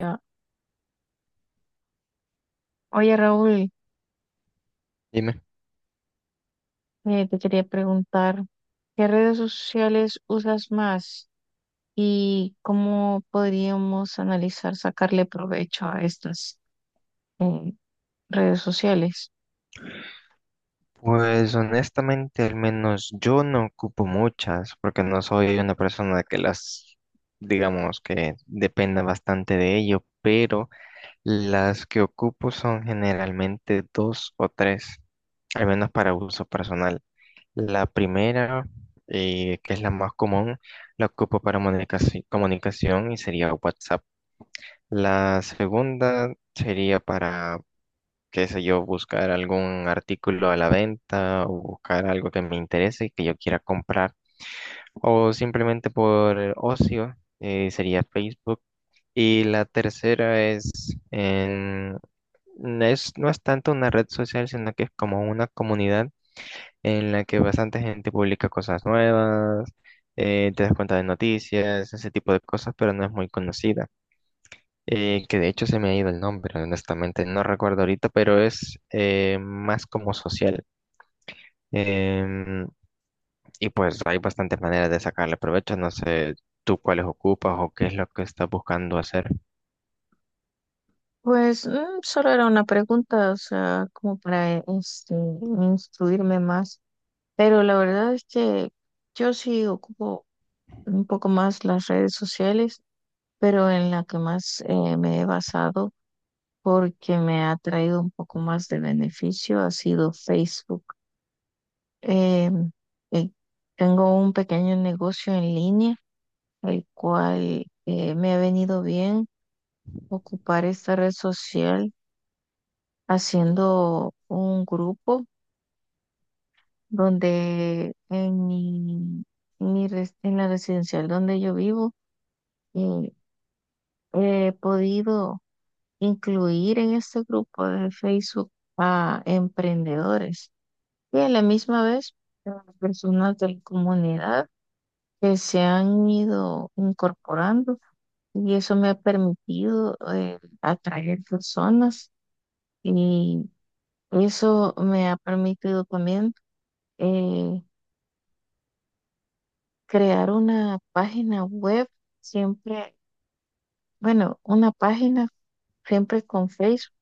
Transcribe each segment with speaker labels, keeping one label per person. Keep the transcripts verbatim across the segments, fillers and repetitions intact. Speaker 1: Ya. Oye, Raúl,
Speaker 2: Dime.
Speaker 1: eh, te quería preguntar, ¿qué redes sociales usas más y cómo podríamos analizar sacarle provecho a estas eh, redes sociales?
Speaker 2: Pues honestamente, al menos yo no ocupo muchas, porque no soy una persona que las, digamos, que dependa bastante de ello, pero las que ocupo son generalmente dos o tres, al menos para uso personal. La primera, eh, que es la más común, la ocupo para comunicaci- comunicación y sería WhatsApp. La segunda sería para qué sé yo, buscar algún artículo a la venta o buscar algo que me interese y que yo quiera comprar. O simplemente por ocio, eh, sería Facebook. Y la tercera es, en- no es, no es tanto una red social, sino que es como una comunidad en la que bastante gente publica cosas nuevas, eh, te das cuenta de noticias, ese tipo de cosas, pero no es muy conocida, eh, que de hecho se me ha ido el nombre, honestamente, no recuerdo ahorita, pero es, eh, más como social. Em, y pues hay bastantes maneras de sacarle provecho, no sé tú cuáles ocupas o qué es lo que estás buscando hacer.
Speaker 1: Pues mm, solo era una pregunta, o sea, como para este, instruirme más, pero la verdad es que yo sí ocupo un poco más las redes sociales, pero en la que más eh, me he basado. porque me ha traído un poco más de beneficio ha sido Facebook. Eh, eh, tengo un pequeño negocio en línea, el cual eh, me ha venido bien ocupar esta red social haciendo un grupo donde en mi, en mi res- en la residencial donde yo vivo, eh, he podido incluir en este grupo de Facebook a emprendedores. Y a la misma vez, las personas de la comunidad que se han ido incorporando, y eso me ha permitido eh, atraer personas, y eso me ha permitido también eh, crear una página web siempre, bueno, una página siempre con Facebook,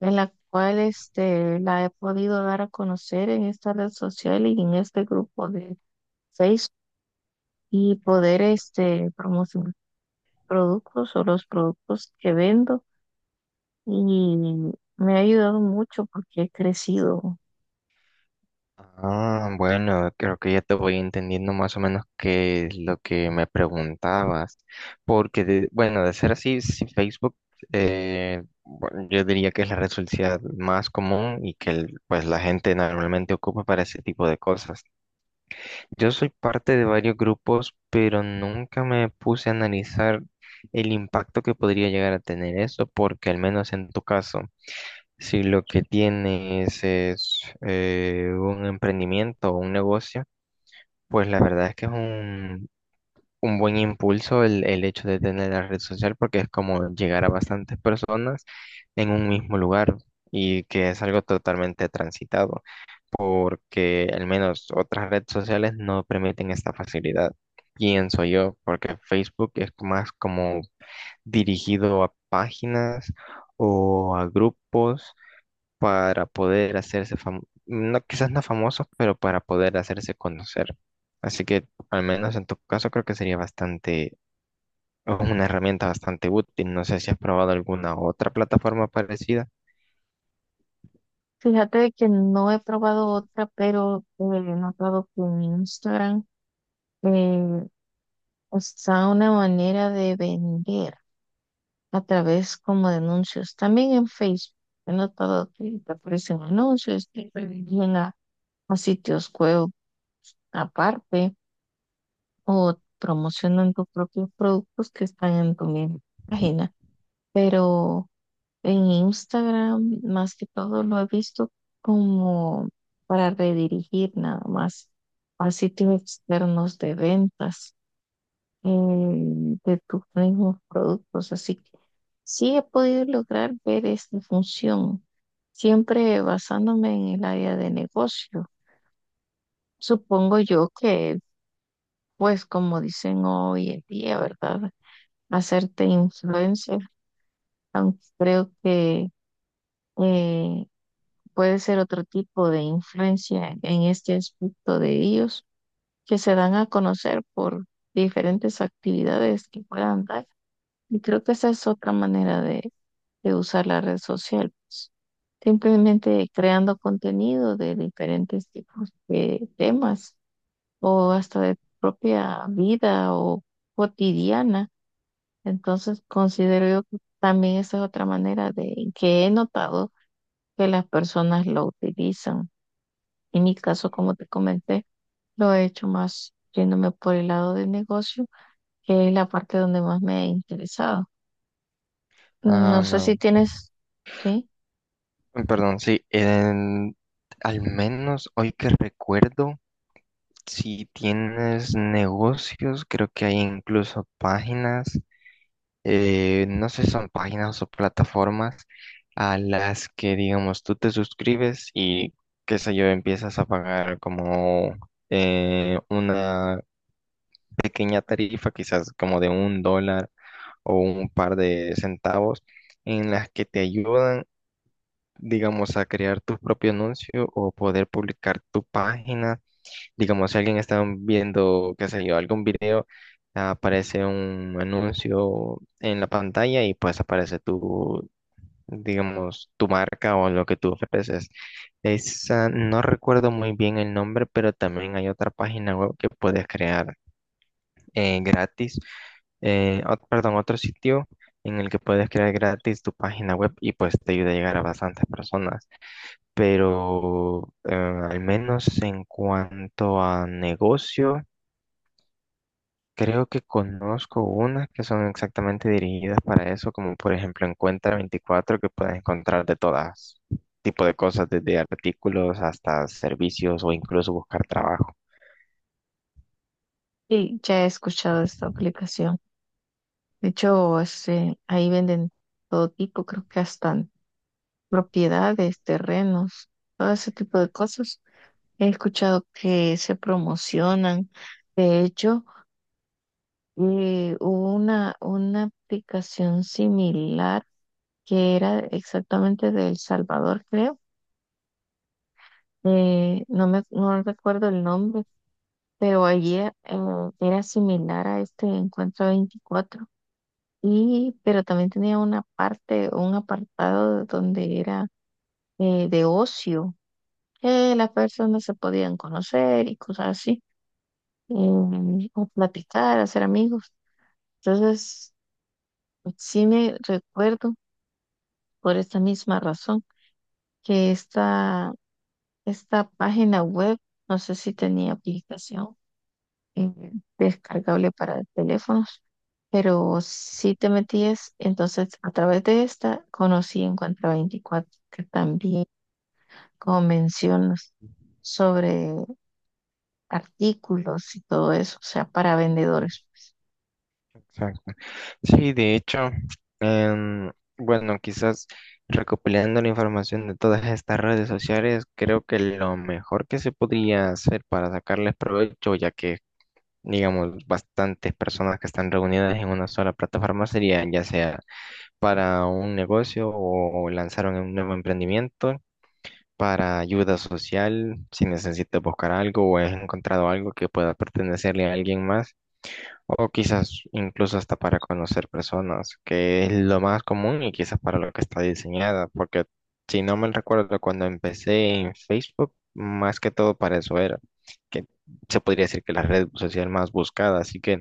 Speaker 1: en la cual este, la he podido dar a conocer en esta red social y en este grupo de Facebook, y poder este, promocionar productos o los productos que vendo, y me ha ayudado mucho porque he crecido.
Speaker 2: Ah, bueno, creo que ya te voy entendiendo más o menos qué es lo que me preguntabas, porque de- bueno, de ser así, si Facebook, eh, bueno, yo diría que es la red social más común y que el- pues la gente normalmente ocupa para ese tipo de cosas. Yo soy parte de varios grupos, pero nunca me puse a analizar el impacto que podría llegar a tener eso, porque al menos en tu caso, si lo que tienes es, eh, un emprendimiento o un negocio, pues la verdad es que es un, un buen impulso el, el hecho de tener la red social, porque es como llegar a bastantes personas en un mismo lugar y que es algo totalmente transitado, porque al menos otras redes sociales no permiten esta facilidad, pienso yo, porque Facebook es más como dirigido a páginas o a grupos para poder hacerse famosos, no, quizás no famosos, pero para poder hacerse conocer. Así que al menos en tu caso creo que sería bastante, una herramienta bastante útil. No sé si has probado alguna otra plataforma parecida.
Speaker 1: Fíjate que no he probado otra, pero eh, he notado que en Instagram eh, está una manera de vender a través como de anuncios. También en Facebook he notado que te aparecen anuncios, te llegan a, a sitios web aparte o promocionan tus propios productos que están en tu misma página. Pero en Instagram, más que todo, lo he visto como para redirigir nada más a sitios externos de ventas eh, de tus mismos productos. Así que sí he podido lograr ver esta función, siempre basándome en el área de negocio. Supongo yo que, pues, como dicen hoy en día, ¿verdad? Hacerte influencer, aunque creo que eh, puede ser otro tipo de influencia en este aspecto de ellos que se dan a conocer por diferentes actividades que puedan dar. Y creo que esa es otra manera de, de usar la red social, pues. Simplemente creando contenido de diferentes tipos de temas o hasta de propia vida o cotidiana. Entonces considero yo que también esa es otra manera de que he notado que las personas lo utilizan. En mi caso, como te comenté, lo he hecho más yéndome por el lado del negocio, que es la parte donde más me ha interesado. No
Speaker 2: Ah,
Speaker 1: sé si
Speaker 2: no.
Speaker 1: tienes, sí,
Speaker 2: Mm, Perdón, sí, en- al menos hoy que recuerdo, si tienes negocios, creo que hay incluso páginas, eh, no sé si son páginas o plataformas a las que, digamos, tú te suscribes y, qué sé yo, empiezas a pagar como, eh, una pequeña tarifa, quizás como de un dólar o un par de centavos, en las que te ayudan, digamos, a crear tu propio anuncio o poder publicar tu página. Digamos, si alguien está viendo, qué sé yo, algún video, aparece un anuncio en la pantalla y pues aparece tu, digamos, tu marca o lo que tú ofreces. Esa, no recuerdo muy bien el nombre, pero también hay otra página web que puedes crear, eh, gratis, eh, ot- perdón, otro sitio en el que puedes crear gratis tu página web y pues te ayuda a llegar a bastantes personas, pero, eh, al menos en cuanto a negocio, creo que conozco unas que son exactamente dirigidas para eso, como por ejemplo en Cuenta veinticuatro, que puedes encontrar de todas tipo de cosas, desde artículos hasta servicios o incluso buscar trabajo.
Speaker 1: sí, ya he escuchado esta aplicación. De hecho, este, ahí venden todo tipo, creo que hasta propiedades, terrenos, todo ese tipo de cosas. He escuchado que se promocionan. De hecho, eh, hubo una, una aplicación similar que era exactamente de El Salvador, creo. Eh, no me no recuerdo el nombre, pero allí eh, era similar a este Encuentro veinticuatro. Y, pero también tenía una parte, un apartado donde era eh, de ocio, que las personas se podían conocer y cosas así, em, o platicar, hacer amigos. Entonces, sí me recuerdo por esta misma razón que esta esta página web, no sé si tenía aplicación eh, descargable para teléfonos, pero si te metías, entonces a través de esta conocí Encuentra veinticuatro que también, como mencionas, sobre artículos y todo eso, o sea, para vendedores.
Speaker 2: Exacto. Sí, de hecho, em, bueno, quizás recopilando la información de todas estas redes sociales, creo que lo mejor que se podría hacer para sacarles provecho, ya que, digamos, bastantes personas que están reunidas en una sola plataforma, sería ya sea para un negocio o lanzar un nuevo emprendimiento, para ayuda social, si necesitas buscar algo o has encontrado algo que pueda pertenecerle a alguien más, o quizás incluso hasta para conocer personas, que es lo más común y quizás para lo que está diseñada, porque si no mal recuerdo, cuando empecé en Facebook, más que todo para eso era, que se podría decir que la red social más buscada, así que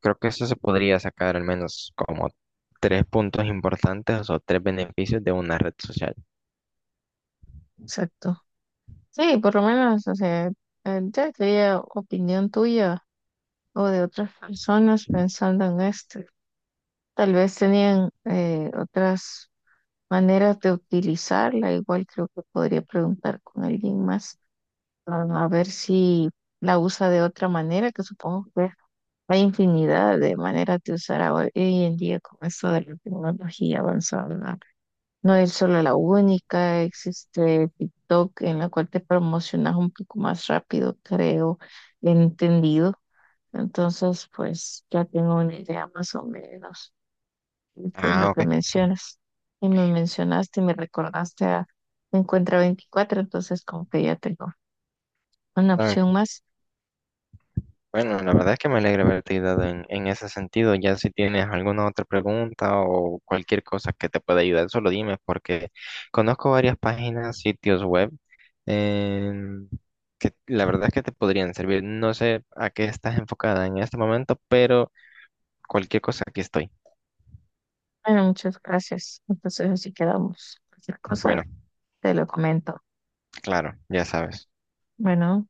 Speaker 2: creo que eso se podría sacar al menos como tres puntos importantes o tres beneficios de una red social.
Speaker 1: Exacto. Sí, por lo menos, o sea, eh, ya quería opinión tuya o de otras personas pensando en esto. Tal vez tenían eh, otras maneras de utilizarla. Igual creo que podría preguntar con alguien más, ah, a ver si la usa de otra manera, que supongo que hay infinidad de maneras de usar ahora- hoy en día con esto de la tecnología avanzada, ¿verdad? No es solo la única, existe TikTok en la cual te promocionas un poco más rápido, creo, entendido. Entonces, pues ya tengo una idea más o menos. Y pues lo
Speaker 2: Ah,
Speaker 1: que
Speaker 2: ok.
Speaker 1: mencionas. Y me mencionaste y me recordaste a Encuentra veinticuatro, entonces como que ya tengo una
Speaker 2: Ah,
Speaker 1: opción más.
Speaker 2: bueno, la verdad es que me alegra haberte ayudado en, en ese sentido. Ya si tienes alguna otra pregunta o cualquier cosa que te pueda ayudar, solo dime, porque conozco varias páginas, sitios web, em, que la verdad es que te podrían servir. No sé a qué estás enfocada en este momento, pero cualquier cosa aquí estoy.
Speaker 1: Bueno, muchas gracias. Entonces así quedamos. Cualquier
Speaker 2: Bueno,
Speaker 1: cosa te lo comento.
Speaker 2: claro, ya sabes.
Speaker 1: Bueno.